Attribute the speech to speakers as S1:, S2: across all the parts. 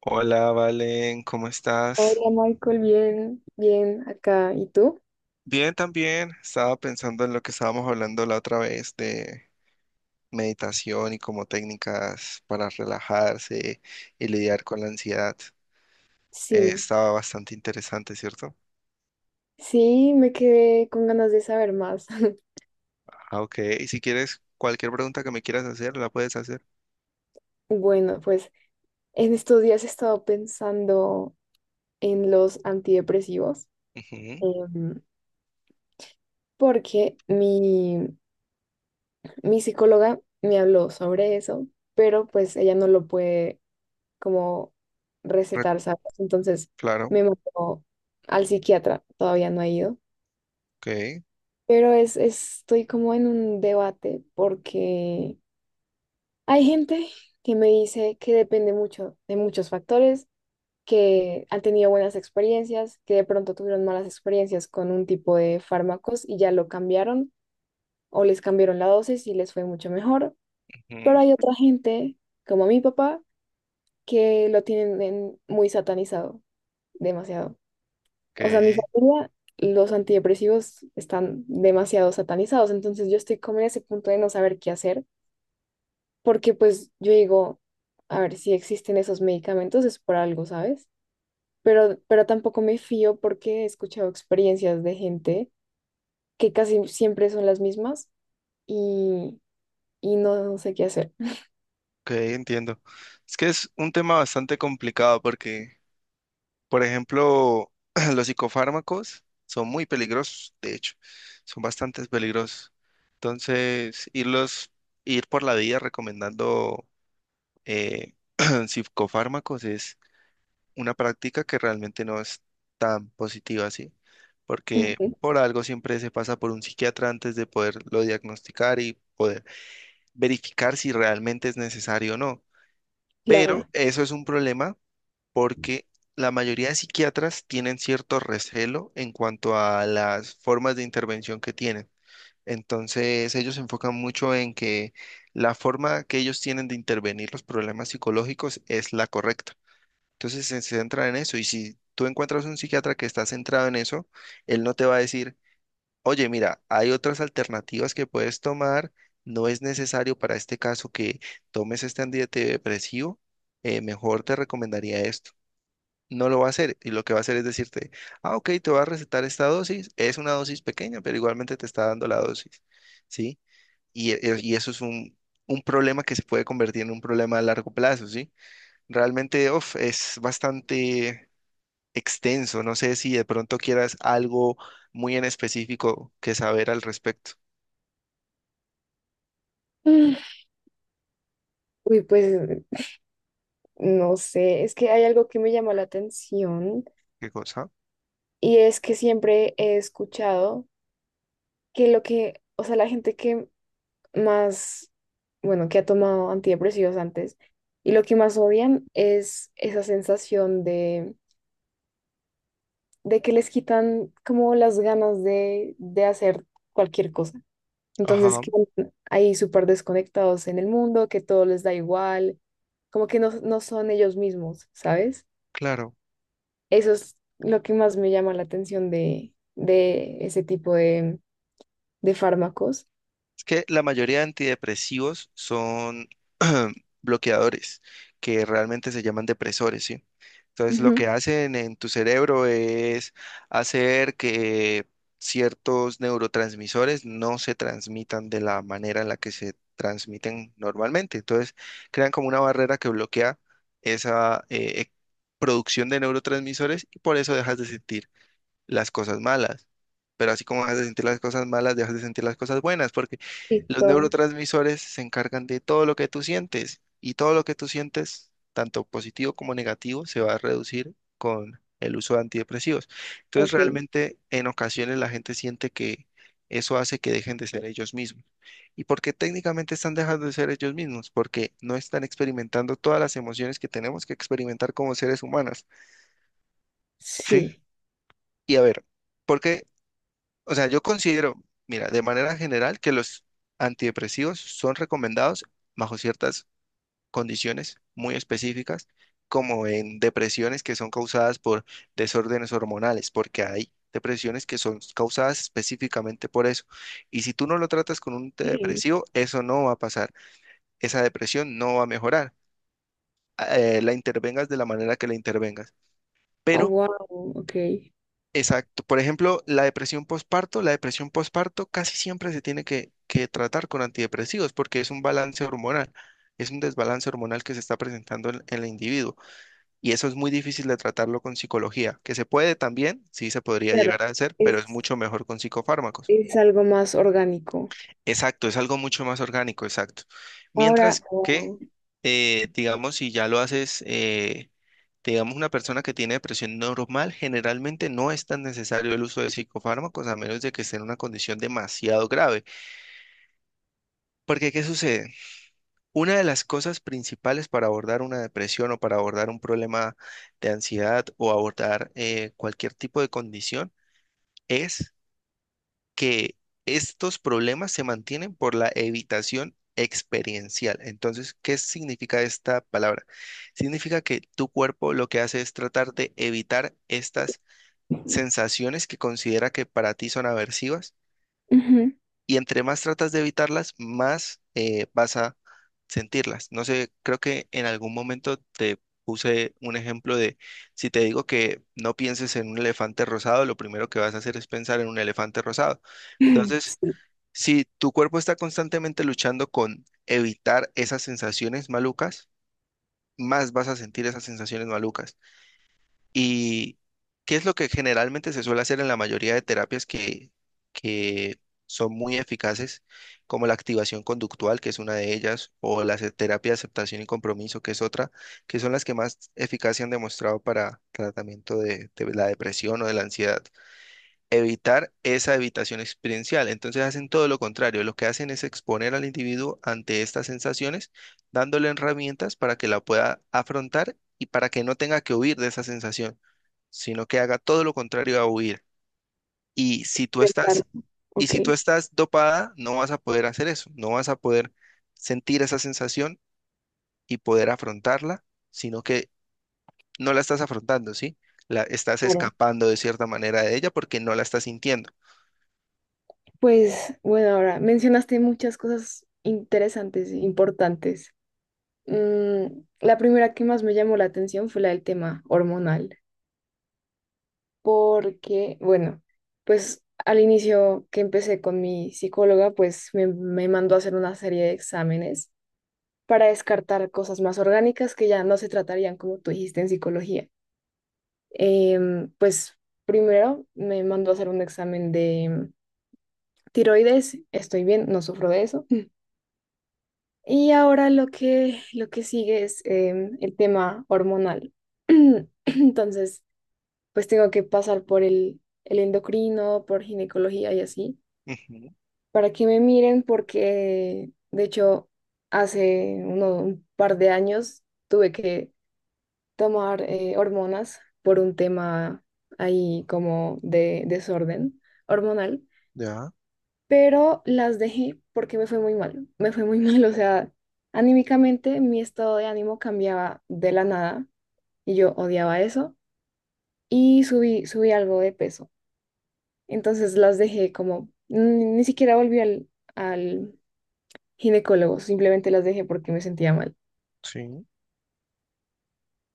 S1: Hola, Valen, ¿cómo estás?
S2: Hola Michael, bien, bien acá. ¿Y tú?
S1: Bien, también. Estaba pensando en lo que estábamos hablando la otra vez de meditación y como técnicas para relajarse y lidiar con la ansiedad.
S2: Sí,
S1: Estaba bastante interesante, ¿cierto?
S2: sí, me quedé con ganas de saber más.
S1: Ah, ok. Y si quieres, cualquier pregunta que me quieras hacer, la puedes hacer.
S2: Bueno, pues en estos días he estado pensando en los antidepresivos,
S1: Ujú.
S2: em, porque mi psicóloga me habló sobre eso, pero pues ella no lo puede como
S1: re-
S2: recetar, ¿sabes? Entonces
S1: Claro.
S2: me mandó al psiquiatra, todavía no he ido,
S1: Ok.
S2: pero estoy como en un debate porque... Hay gente que me dice que depende mucho de muchos factores, que han tenido buenas experiencias, que de pronto tuvieron malas experiencias con un tipo de fármacos y ya lo cambiaron o les cambiaron la dosis y les fue mucho mejor.
S1: Ujú.
S2: Pero hay otra gente, como mi papá, que lo muy satanizado, demasiado.
S1: Ok,
S2: O sea, mi familia, los antidepresivos están demasiado satanizados, entonces yo estoy como en ese punto de no saber qué hacer porque pues yo digo, a ver, si existen esos medicamentos es por algo, ¿sabes? Pero tampoco me fío porque he escuchado experiencias de gente que casi siempre son las mismas y, y no sé qué hacer.
S1: ok, entiendo. Es que es un tema bastante complicado porque, por ejemplo, los psicofármacos son muy peligrosos, de hecho, son bastante peligrosos. Entonces, irlos, Ir por la vida recomendando eh, psicofármacos es una práctica que realmente no es tan positiva así, porque
S2: Ujú.
S1: por algo siempre se pasa por un psiquiatra antes de poderlo diagnosticar y poder verificar si realmente es necesario o no. Pero
S2: Claro.
S1: eso es un problema porque la mayoría de psiquiatras tienen cierto recelo en cuanto a las formas de intervención que tienen. Entonces, ellos se enfocan mucho en que la forma que ellos tienen de intervenir los problemas psicológicos es la correcta. Entonces, se centran en eso, y si tú encuentras un psiquiatra que está centrado en eso, él no te va a decir, oye, mira, hay otras alternativas que puedes tomar. No es necesario para este caso que tomes este antidepresivo, mejor te recomendaría esto. No lo va a hacer, y lo que va a hacer es decirte, ah, ok, te va a recetar esta dosis, es una dosis pequeña, pero igualmente te está dando la dosis, ¿sí? Y eso es un problema que se puede convertir en un problema a largo plazo, ¿sí? Realmente, uf, es bastante extenso, no sé si de pronto quieras algo muy en específico que saber al respecto.
S2: Mm. Uy, pues no sé, es que hay algo que me llama la atención
S1: ¿Qué cosa?
S2: y es que siempre he escuchado que lo que, o sea, la gente que más, bueno, que ha tomado antidepresivos antes, y lo que más odian es esa sensación de que les quitan como las ganas de hacer cualquier cosa. Entonces,
S1: Ajá,
S2: que ahí súper desconectados en el mundo, que todo les da igual, como que no son ellos mismos, ¿sabes?
S1: claro.
S2: Eso es lo que más me llama la atención de ese tipo de fármacos.
S1: Es que la mayoría de antidepresivos son bloqueadores, que realmente se llaman depresores, ¿sí? Entonces, lo
S2: Ujú.
S1: que hacen en tu cerebro es hacer que ciertos neurotransmisores no se transmitan de la manera en la que se transmiten normalmente. Entonces, crean como una barrera que bloquea esa producción de neurotransmisores, y por eso dejas de sentir las cosas malas. Pero así como dejas de sentir las cosas malas, dejas de sentir las cosas buenas, porque
S2: Sí,
S1: los
S2: todo.
S1: neurotransmisores se encargan de todo lo que tú sientes, y todo lo que tú sientes, tanto positivo como negativo, se va a reducir con el uso de antidepresivos. Entonces,
S2: Ok.
S1: realmente en ocasiones la gente siente que eso hace que dejen de ser ellos mismos. ¿Y porque técnicamente están dejando de ser ellos mismos? Porque no están experimentando todas las emociones que tenemos que experimentar como seres humanos, ¿sí?
S2: Sí.
S1: Y a ver, porque, o sea, yo considero, mira, de manera general, que los antidepresivos son recomendados bajo ciertas condiciones muy específicas, como en depresiones que son causadas por desórdenes hormonales, porque hay depresiones que son causadas específicamente por eso. Y si tú no lo tratas con un
S2: Sí.
S1: antidepresivo, eso no va a pasar. Esa depresión no va a mejorar, la intervengas de la manera que la intervengas.
S2: Oh,
S1: Pero
S2: wow, ok.
S1: exacto. Por ejemplo, la depresión postparto casi siempre se tiene que tratar con antidepresivos, porque es un balance hormonal, es un desbalance hormonal que se está presentando en el individuo, y eso es muy difícil de tratarlo con psicología, que se puede también, sí se podría
S2: Claro,
S1: llegar a hacer, pero es
S2: es,
S1: mucho mejor con psicofármacos.
S2: es algo más orgánico.
S1: Exacto, es algo mucho más orgánico, exacto.
S2: Ahora,
S1: Mientras que,
S2: wow.
S1: digamos, si ya lo haces, digamos, una persona que tiene depresión normal, generalmente no es tan necesario el uso de psicofármacos a menos de que esté en una condición demasiado grave. Porque, ¿qué sucede? Una de las cosas principales para abordar una depresión o para abordar un problema de ansiedad, o abordar cualquier tipo de condición, es que estos problemas se mantienen por la evitación experiencial. Entonces, ¿qué significa esta palabra? Significa que tu cuerpo lo que hace es tratar de evitar estas
S2: Ujú.
S1: sensaciones que considera que para ti son aversivas, y entre más tratas de evitarlas, más vas a sentirlas. No sé, creo que en algún momento te puse un ejemplo de si te digo que no pienses en un elefante rosado, lo primero que vas a hacer es pensar en un elefante rosado. Entonces,
S2: Sí,
S1: si tu cuerpo está constantemente luchando con evitar esas sensaciones malucas, más vas a sentir esas sensaciones malucas. ¿Y qué es lo que generalmente se suele hacer en la mayoría de terapias que son muy eficaces, como la activación conductual, que es una de ellas, o la terapia de aceptación y compromiso, que es otra, que son las que más eficacia han demostrado para tratamiento de la depresión o de la ansiedad? Evitar esa evitación experiencial. Entonces hacen todo lo contrario, lo que hacen es exponer al individuo ante estas sensaciones, dándole herramientas para que la pueda afrontar y para que no tenga que huir de esa sensación, sino que haga todo lo contrario a huir. Y si tú estás,
S2: pensarlo.
S1: y
S2: Ok,
S1: si tú estás dopada, no vas a poder hacer eso, no vas a poder sentir esa sensación y poder afrontarla, sino que no la estás afrontando, ¿sí? La estás
S2: claro.
S1: escapando de cierta manera de ella porque no la estás sintiendo.
S2: Pues bueno, ahora mencionaste muchas cosas interesantes e importantes. Mm, la primera que más me llamó la atención fue la del tema hormonal, porque, bueno, pues al inicio que empecé con mi psicóloga, pues me mandó a hacer una serie de exámenes para descartar cosas más orgánicas que ya no se tratarían, como tú dijiste, en psicología. Pues primero me mandó a hacer un examen de tiroides, estoy bien, no sufro de eso. Y ahora lo que sigue es el tema hormonal. Entonces, pues tengo que pasar por el endocrino, por ginecología y así,
S1: Ujú.
S2: para que me miren porque, de hecho, hace un par de años tuve que tomar hormonas por un tema ahí como de desorden hormonal,
S1: Ya.
S2: pero las dejé porque me fue muy mal, me fue muy mal, o sea, anímicamente mi estado de ánimo cambiaba de la nada y yo odiaba eso y subí algo de peso. Entonces las dejé como, ni siquiera volví al ginecólogo, simplemente las dejé porque me sentía mal.
S1: Sí,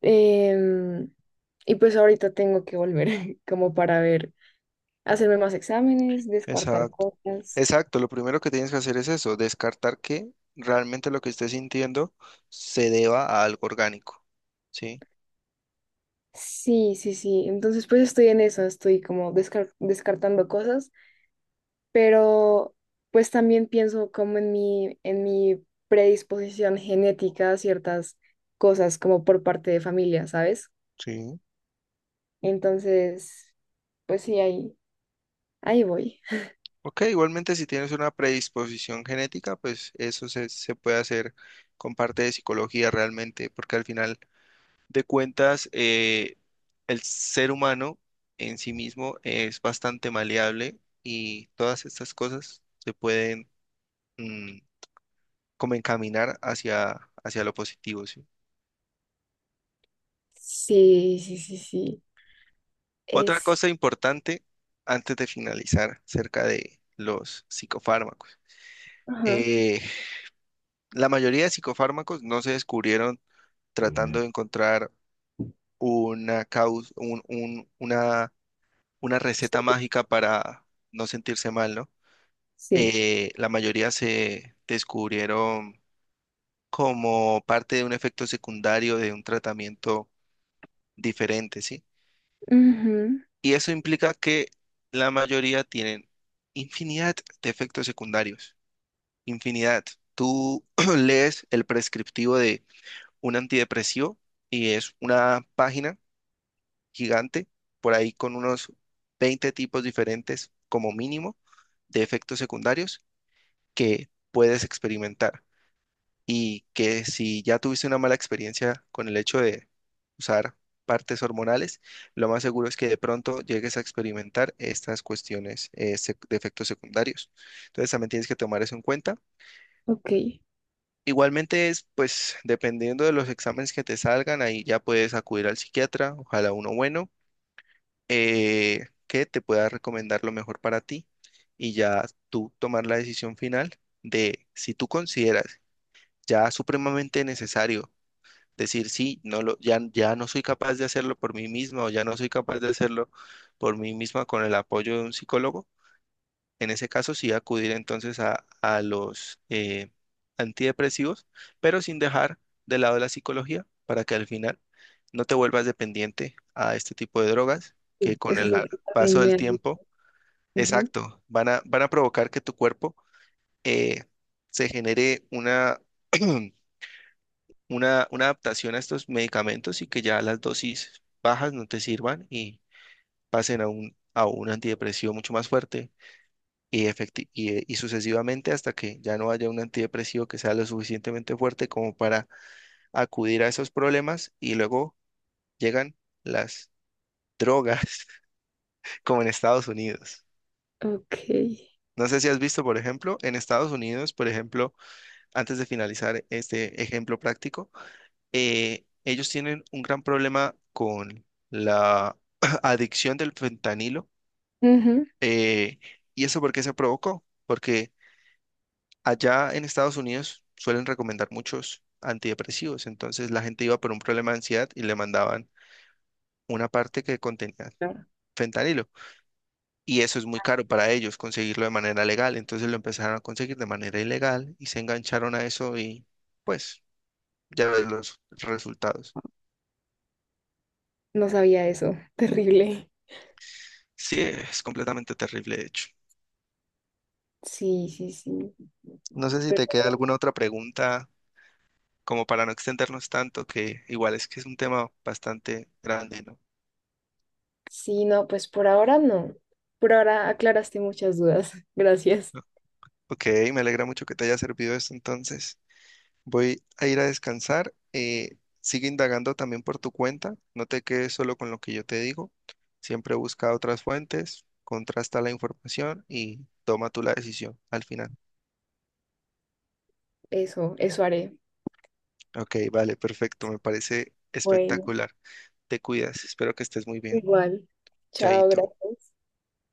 S2: Em, y pues ahorita tengo que volver como para ver hacerme más exámenes, descartar
S1: exacto.
S2: cosas.
S1: Exacto, lo primero que tienes que hacer es eso, descartar que realmente lo que estés sintiendo se deba a algo orgánico. Sí,
S2: Sí, sí, sí. Entonces, pues estoy en eso, estoy como descartando cosas, pero pues también pienso como en en mi predisposición genética a ciertas cosas, como por parte de familia, ¿sabes?
S1: sí.
S2: Entonces, pues sí, ahí voy.
S1: Ok, igualmente si tienes una predisposición genética, pues eso se puede hacer con parte de psicología realmente, porque al final de cuentas, el ser humano en sí mismo es bastante maleable y todas estas cosas se pueden mm, como encaminar hacia lo positivo, ¿sí?
S2: Sí, sí, sí, sí.
S1: Otra
S2: Es,
S1: cosa importante antes de finalizar acerca de los psicofármacos.
S2: ajá,
S1: Eh, la mayoría de psicofármacos no se descubrieron tratando de encontrar una causa, una receta mágica para no sentirse mal, ¿no?
S2: sí.
S1: La mayoría se descubrieron como parte de un efecto secundario de un tratamiento diferente, ¿sí?
S2: Ujú.
S1: Y eso implica que la mayoría tienen infinidad de efectos secundarios. Infinidad. Tú lees el prescriptivo de un antidepresivo y es una página gigante, por ahí con unos 20 tipos diferentes como mínimo de efectos secundarios que puedes experimentar. Y que si ya tuviste una mala experiencia con el hecho de usar partes hormonales, lo más seguro es que de pronto llegues a experimentar estas cuestiones de efectos secundarios. Entonces también tienes que tomar eso en cuenta.
S2: Ok.
S1: Igualmente es, pues, dependiendo de los exámenes que te salgan, ahí ya puedes acudir al psiquiatra, ojalá uno bueno, que te pueda recomendar lo mejor para ti, y ya tú tomar la decisión final de si tú consideras ya supremamente necesario decir sí, no lo, ya, ya no soy capaz de hacerlo por mí misma, o ya no soy capaz de hacerlo por mí misma con el apoyo de un psicólogo, en ese caso sí acudir entonces a los antidepresivos, pero sin dejar de lado la psicología, para que al final no te vuelvas dependiente a este tipo de drogas que
S2: Sí,
S1: con
S2: eso es
S1: el
S2: lo que
S1: paso
S2: también
S1: del
S2: me ha...
S1: tiempo,
S2: Ujú.
S1: exacto, van a provocar que tu cuerpo eh, se genere una adaptación a estos medicamentos, y que ya las dosis bajas no te sirvan y pasen a a un antidepresivo mucho más fuerte y sucesivamente, hasta que ya no haya un antidepresivo que sea lo suficientemente fuerte como para acudir a esos problemas, y luego llegan las drogas, como en Estados Unidos.
S2: Ok.
S1: No sé si has visto, por ejemplo, en Estados Unidos, por ejemplo, antes de finalizar este ejemplo práctico, ellos tienen un gran problema con la adicción del fentanilo.
S2: Ujú.
S1: eh, ¿Y eso por qué se provocó? Porque allá en Estados Unidos suelen recomendar muchos antidepresivos, entonces la gente iba por un problema de ansiedad y le mandaban una parte que contenía
S2: No,
S1: fentanilo. Y eso es muy caro para ellos conseguirlo de manera legal, entonces lo empezaron a conseguir de manera ilegal y se engancharon a eso, y pues ya ves los resultados.
S2: no sabía eso. Terrible.
S1: Sí, es completamente terrible, de hecho.
S2: Sí, sí, sí.
S1: No sé si
S2: Pero
S1: te queda alguna otra pregunta, como para no extendernos tanto, que igual es que es un tema bastante grande, ¿no?
S2: sí, no, pues por ahora no. Por ahora aclaraste muchas dudas. Gracias.
S1: Ok, me alegra mucho que te haya servido esto entonces. Voy a ir a descansar. Sigue indagando también por tu cuenta. No te quedes solo con lo que yo te digo. Siempre busca otras fuentes, contrasta la información y toma tú la decisión al final.
S2: Eso haré.
S1: Ok, vale, perfecto. Me parece
S2: Bueno,
S1: espectacular. Te cuidas. Espero que estés muy bien.
S2: igual. Chao,
S1: Chaito.
S2: gracias.